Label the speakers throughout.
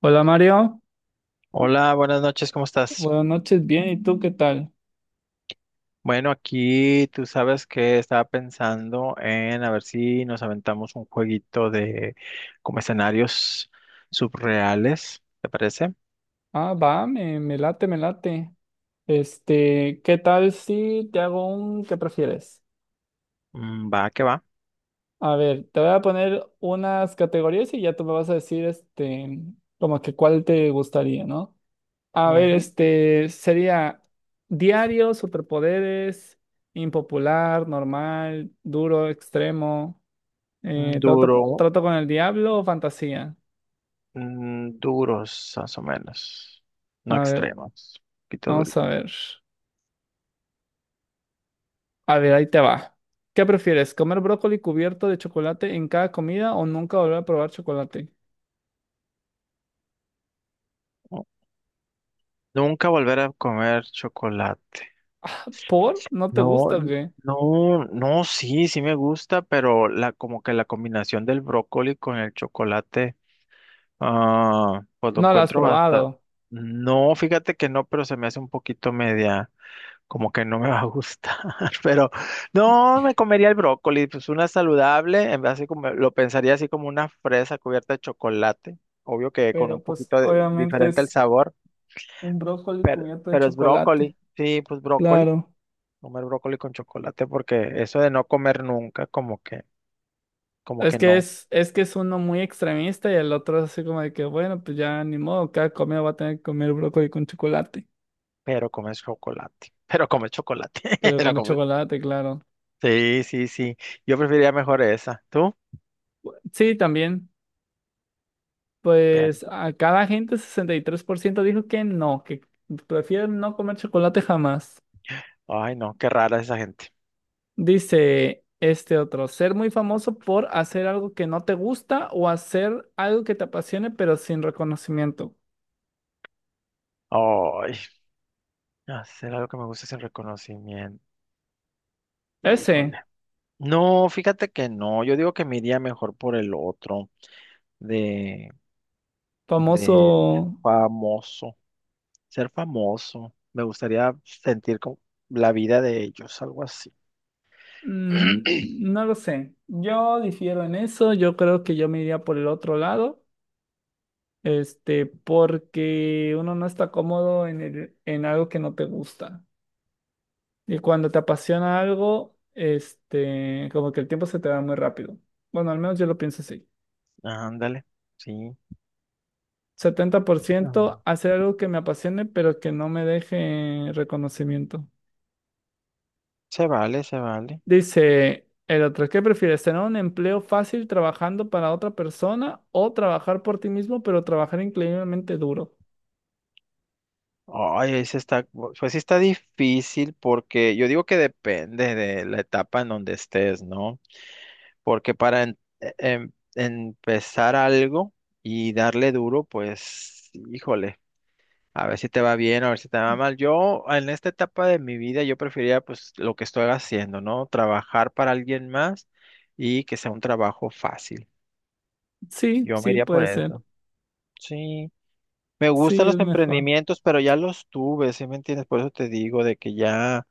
Speaker 1: Hola Mario,
Speaker 2: Hola, buenas noches, ¿cómo estás?
Speaker 1: buenas noches, bien, ¿y tú qué tal?
Speaker 2: Bueno, aquí tú sabes que estaba pensando en a ver si nos aventamos un jueguito de como escenarios subreales, ¿te parece?
Speaker 1: Ah, va, me late, me late. Este, ¿qué tal si te hago un qué prefieres?
Speaker 2: Va, que va.
Speaker 1: A ver, te voy a poner unas categorías y ya tú me vas a decir, este, como que cuál te gustaría, ¿no? A ver,
Speaker 2: Ujú.
Speaker 1: este, sería diario, superpoderes, impopular, normal, duro, extremo, trato,
Speaker 2: Duro,
Speaker 1: trato con el diablo o fantasía.
Speaker 2: duros, más o menos. No
Speaker 1: A ver,
Speaker 2: extremos, un poquito
Speaker 1: vamos
Speaker 2: durito.
Speaker 1: a ver. A ver, ahí te va. ¿Qué prefieres? ¿Comer brócoli cubierto de chocolate en cada comida o nunca volver a probar chocolate?
Speaker 2: ¿No? Nunca volver a comer chocolate.
Speaker 1: ¿Por? ¿No te
Speaker 2: No,
Speaker 1: gusta o qué?
Speaker 2: no, no, sí, sí me gusta, pero la como que la combinación del brócoli con el chocolate. Ah, pues lo
Speaker 1: No lo has
Speaker 2: encuentro bastante.
Speaker 1: probado.
Speaker 2: No, fíjate que no, pero se me hace un poquito media, como que no me va a gustar. Pero no, me comería el brócoli, pues una saludable, en vez así como lo pensaría así como una fresa cubierta de chocolate. Obvio que con un
Speaker 1: Pero pues
Speaker 2: poquito
Speaker 1: obviamente
Speaker 2: diferente el
Speaker 1: es
Speaker 2: sabor,
Speaker 1: un brócoli cubierto de
Speaker 2: pero es
Speaker 1: chocolate.
Speaker 2: brócoli. Sí, pues brócoli,
Speaker 1: Claro.
Speaker 2: comer brócoli con chocolate, porque eso de no comer nunca, como
Speaker 1: Es
Speaker 2: que
Speaker 1: que
Speaker 2: no,
Speaker 1: es, es que es uno muy extremista y el otro es así como de que, bueno, pues ya ni modo, cada comida va a tener que comer brócoli con chocolate.
Speaker 2: pero comes chocolate. Pero comes chocolate,
Speaker 1: Pero
Speaker 2: pero
Speaker 1: come
Speaker 2: comes.
Speaker 1: chocolate, claro.
Speaker 2: Sí, sí, sí. Yo preferiría mejor esa. ¿Tú?
Speaker 1: Sí, también.
Speaker 2: Pero,
Speaker 1: Pues acá la gente, 63% dijo que no, que prefieren no comer chocolate jamás.
Speaker 2: ay, no, qué rara esa gente.
Speaker 1: Dice este otro, ser muy famoso por hacer algo que no te gusta o hacer algo que te apasione pero sin reconocimiento.
Speaker 2: Ay, hacer algo que me guste sin reconocimiento.
Speaker 1: Ese
Speaker 2: Híjole. No, fíjate que no. Yo digo que me iría mejor por el otro, de, de
Speaker 1: famoso,
Speaker 2: famoso. Ser famoso. Me gustaría sentir como la vida de ellos, algo así.
Speaker 1: no lo sé. Yo difiero en eso, yo creo que yo me iría por el otro lado, este, porque uno no está cómodo en en algo que no te gusta. Y cuando te apasiona algo, este, como que el tiempo se te va muy rápido. Bueno, al menos yo lo pienso así.
Speaker 2: Ándale, sí.
Speaker 1: Setenta por
Speaker 2: Ah,
Speaker 1: ciento hacer algo que me apasione, pero que no me deje reconocimiento.
Speaker 2: se vale, se vale.
Speaker 1: Dice el otro, ¿qué prefieres? ¿Tener un empleo fácil trabajando para otra persona o trabajar por ti mismo, pero trabajar increíblemente duro?
Speaker 2: Ay, ese está, pues sí está difícil porque yo digo que depende de la etapa en donde estés, ¿no? Porque para empezar algo y darle duro, pues, híjole, a ver si te va bien, a ver si te va mal. Yo en esta etapa de mi vida, yo prefería pues lo que estoy haciendo, ¿no? Trabajar para alguien más y que sea un trabajo fácil.
Speaker 1: Sí,
Speaker 2: Yo me
Speaker 1: sí,
Speaker 2: iría por
Speaker 1: puede ser.
Speaker 2: eso. Sí. Me
Speaker 1: Sí,
Speaker 2: gustan
Speaker 1: es
Speaker 2: los
Speaker 1: mejor.
Speaker 2: emprendimientos, pero ya los tuve, ¿sí me entiendes? Por eso te digo de que ya,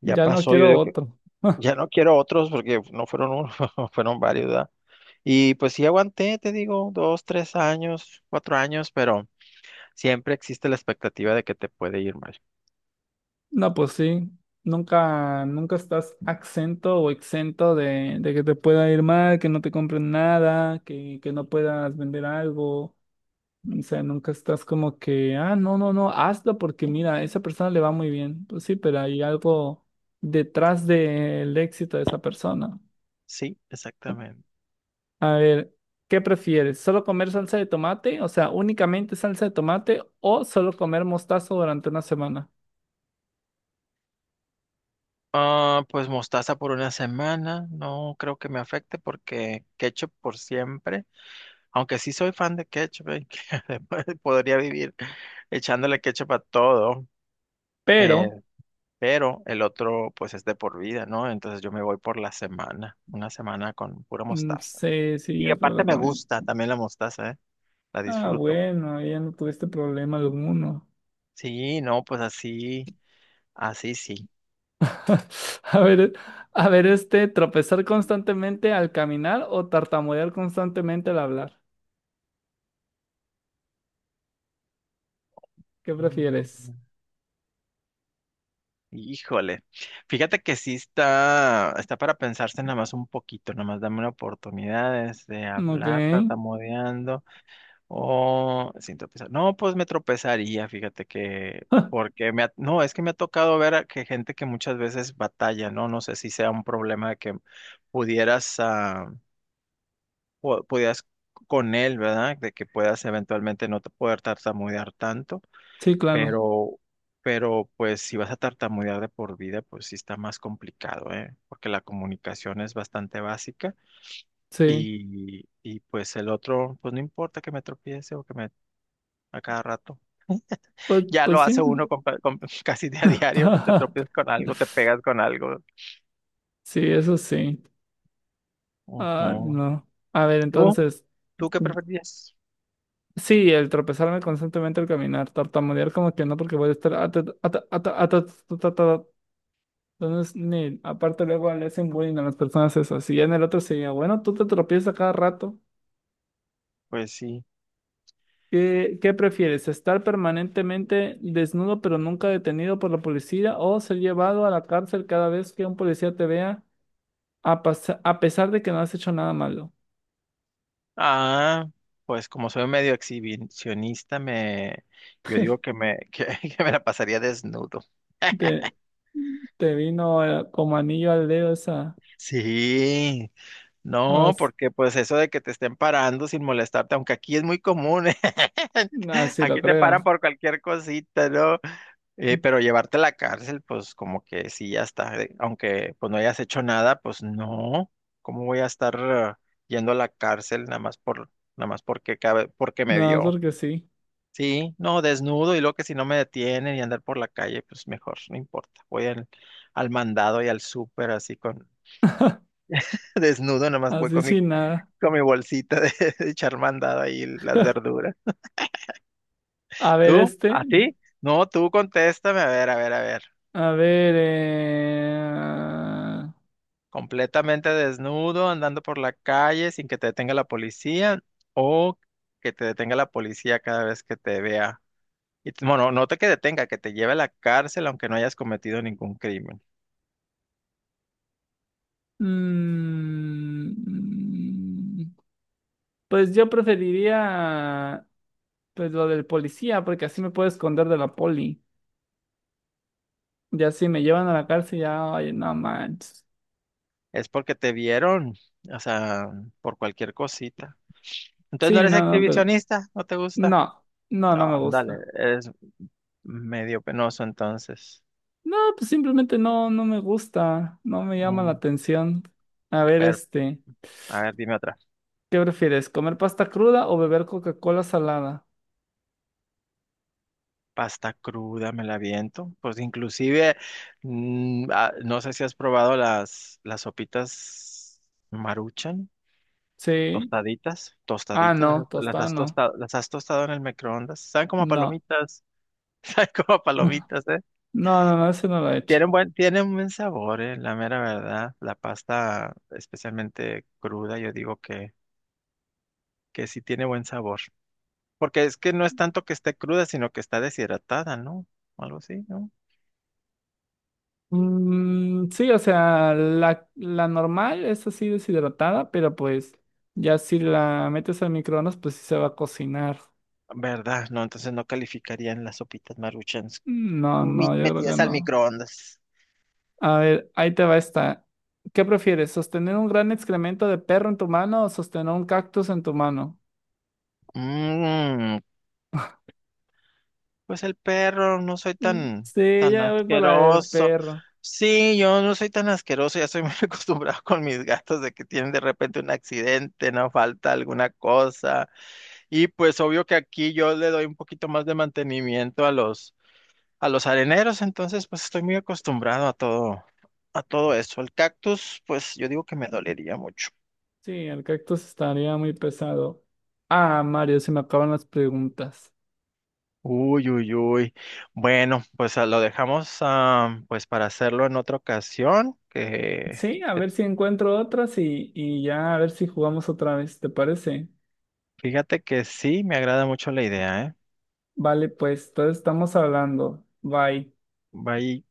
Speaker 2: ya
Speaker 1: Ya no
Speaker 2: pasó. Yo
Speaker 1: quiero
Speaker 2: digo que
Speaker 1: otro.
Speaker 2: ya no quiero otros porque no fueron uno, fueron varios, ¿verdad? Y pues sí aguanté, te digo, 2, 3 años, 4 años, pero siempre existe la expectativa de que te puede ir mal.
Speaker 1: No, pues sí, nunca, nunca estás exento o exento de que te pueda ir mal, que no te compren nada, que no puedas vender algo. O sea, nunca estás como que, ah, no, no, no, hazlo porque mira, a esa persona le va muy bien. Pues sí, pero hay algo detrás del éxito de esa persona.
Speaker 2: Sí, exactamente.
Speaker 1: A ver, ¿qué prefieres? ¿Solo comer salsa de tomate? O sea, únicamente salsa de tomate o solo comer mostazo durante una semana.
Speaker 2: Ah, pues mostaza por una semana, no creo que me afecte porque ketchup por siempre, aunque sí soy fan de ketchup, ¿eh? Que además podría vivir echándole ketchup a todo. Eh,
Speaker 1: Pero,
Speaker 2: pero el otro pues es de por vida, ¿no? Entonces yo me voy por la semana, una semana con pura mostaza.
Speaker 1: sí, sí,
Speaker 2: Y
Speaker 1: yo creo
Speaker 2: aparte
Speaker 1: que
Speaker 2: me
Speaker 1: también.
Speaker 2: gusta también la mostaza, ¿eh? La
Speaker 1: Ah,
Speaker 2: disfruto.
Speaker 1: bueno, ya no tuviste problema alguno.
Speaker 2: Sí, no, pues así, así sí.
Speaker 1: A ver, a ver, este, tropezar constantemente al caminar o tartamudear constantemente al hablar. ¿Qué
Speaker 2: Mm,
Speaker 1: prefieres?
Speaker 2: Híjole, fíjate que sí está, está para pensarse nada más un poquito, nada más dame una oportunidad de
Speaker 1: Ok.
Speaker 2: hablar, tartamudeando. Oh, sin tropezar. No, pues me tropezaría, fíjate que, porque no, es que me ha tocado ver a que gente que muchas veces batalla, ¿no? No sé si sea un problema de que pudieras, ah, pudieras con él, ¿verdad? De que puedas eventualmente no te poder tartamudear tanto,
Speaker 1: Sí, claro.
Speaker 2: pero, pero pues si vas a tartamudear de por vida, pues sí está más complicado, ¿eh? Porque la comunicación es bastante básica
Speaker 1: Sí.
Speaker 2: y pues el otro, pues no importa que me tropiece o que me a cada rato.
Speaker 1: Pues,
Speaker 2: Ya
Speaker 1: pues
Speaker 2: lo
Speaker 1: sí.
Speaker 2: hace uno casi de a diario, te tropiezas con algo, te pegas con algo.
Speaker 1: Sí, eso sí. Ah,
Speaker 2: Ujú.
Speaker 1: no. A ver,
Speaker 2: ¿Tú?
Speaker 1: entonces,
Speaker 2: ¿Tú qué
Speaker 1: mm,
Speaker 2: preferirías?
Speaker 1: sí, el tropezarme constantemente al caminar, tartamudear como que no, porque voy a estar. Entonces, aparte luego le hacen bullying a las personas esas. Y ya en el otro sería, bueno, tú te tropiezas cada rato.
Speaker 2: Pues sí.
Speaker 1: ¿Qué, qué prefieres? ¿Estar permanentemente desnudo pero nunca detenido por la policía o ser llevado a la cárcel cada vez que un policía te vea a pesar de que no has hecho nada malo?
Speaker 2: Ah, pues como soy medio exhibicionista, me, yo digo que que me la pasaría desnudo.
Speaker 1: Te, te vino como anillo al dedo esa.
Speaker 2: Sí, no,
Speaker 1: As-
Speaker 2: porque pues eso de que te estén parando sin molestarte, aunque aquí es muy común, ¿eh?
Speaker 1: Así lo
Speaker 2: Aquí te paran
Speaker 1: creo.
Speaker 2: por cualquier cosita, ¿no? Pero llevarte a la cárcel, pues como que sí, ya está. Aunque pues no hayas hecho nada, pues no. ¿Cómo voy a estar yendo a la cárcel nada más por, nada más porque cabe, porque me
Speaker 1: Nada más
Speaker 2: dio?
Speaker 1: porque sí.
Speaker 2: Sí, no, desnudo y luego que si no me detienen y andar por la calle, pues mejor, no importa. Voy al, al mandado y al súper así con desnudo, nada más voy
Speaker 1: Así sin nada.
Speaker 2: con mi bolsita de, de echar mandado ahí las verduras.
Speaker 1: A ver
Speaker 2: ¿Tú?
Speaker 1: este.
Speaker 2: ¿A ti? No, tú contéstame, a ver, a ver, a ver.
Speaker 1: A ver.
Speaker 2: Completamente desnudo, andando por la calle sin que te detenga la policía o que te detenga la policía cada vez que te vea. Y bueno, no te que detenga, que te lleve a la cárcel aunque no hayas cometido ningún crimen.
Speaker 1: Mm, pues yo preferiría pues lo del policía, porque así me puedo esconder de la poli. Ya si me llevan a la cárcel, ya, ay, no manches.
Speaker 2: Es porque te vieron, o sea, por cualquier cosita. Entonces no
Speaker 1: Sí,
Speaker 2: eres
Speaker 1: no, no, pero
Speaker 2: exhibicionista, no te gusta.
Speaker 1: no, no, no
Speaker 2: No,
Speaker 1: me
Speaker 2: dale,
Speaker 1: gusta.
Speaker 2: eres medio penoso entonces.
Speaker 1: No, pues simplemente no, no me gusta, no me llama la
Speaker 2: Mm,
Speaker 1: atención. A ver,
Speaker 2: pero,
Speaker 1: este,
Speaker 2: a ver, dime otra.
Speaker 1: ¿qué prefieres? ¿Comer pasta cruda o beber Coca-Cola salada?
Speaker 2: Pasta cruda, me la aviento. Pues inclusive, no sé si has probado las sopitas Maruchan,
Speaker 1: Sí.
Speaker 2: tostaditas,
Speaker 1: Ah,
Speaker 2: tostaditas,
Speaker 1: no, tostada no.
Speaker 2: las has tostado en el microondas. Saben como a
Speaker 1: No.
Speaker 2: palomitas, saben como a palomitas, ¿eh?
Speaker 1: No, no, no, ese no lo he hecho.
Speaker 2: Tienen buen sabor, la mera verdad. La pasta, especialmente cruda, yo digo que sí tiene buen sabor. Porque es que no es tanto que esté cruda, sino que está deshidratada, ¿no? Algo así, ¿no?
Speaker 1: Mm, sí, o sea, la normal es así deshidratada, pero pues ya si la metes al microondas, pues sí se va a cocinar.
Speaker 2: ¿Verdad? No, entonces no calificarían las sopitas maruchans.
Speaker 1: No, no, yo creo que
Speaker 2: Metidas al
Speaker 1: no.
Speaker 2: microondas.
Speaker 1: A ver, ahí te va esta. ¿Qué prefieres? ¿Sostener un gran excremento de perro en tu mano o sostener un cactus en tu mano?
Speaker 2: Mm, pues el perro, no soy
Speaker 1: Mm,
Speaker 2: tan,
Speaker 1: sí,
Speaker 2: tan
Speaker 1: ya voy por la del
Speaker 2: asqueroso.
Speaker 1: perro.
Speaker 2: Sí, yo no soy tan asqueroso, ya soy muy acostumbrado con mis gatos de que tienen de repente un accidente, no falta alguna cosa. Y pues obvio que aquí yo le doy un poquito más de mantenimiento a los areneros, entonces pues estoy muy acostumbrado a todo eso. El cactus, pues yo digo que me dolería mucho.
Speaker 1: Sí, el cactus estaría muy pesado. Ah, Mario, se me acaban las preguntas.
Speaker 2: Uy, uy, uy. Bueno, pues lo dejamos pues para hacerlo en otra ocasión,
Speaker 1: Sí, a
Speaker 2: que
Speaker 1: ver si encuentro otras y ya a ver si jugamos otra vez, ¿te parece?
Speaker 2: fíjate que sí, me agrada mucho la idea, ¿eh?
Speaker 1: Vale, pues, entonces estamos hablando. Bye.
Speaker 2: Bye.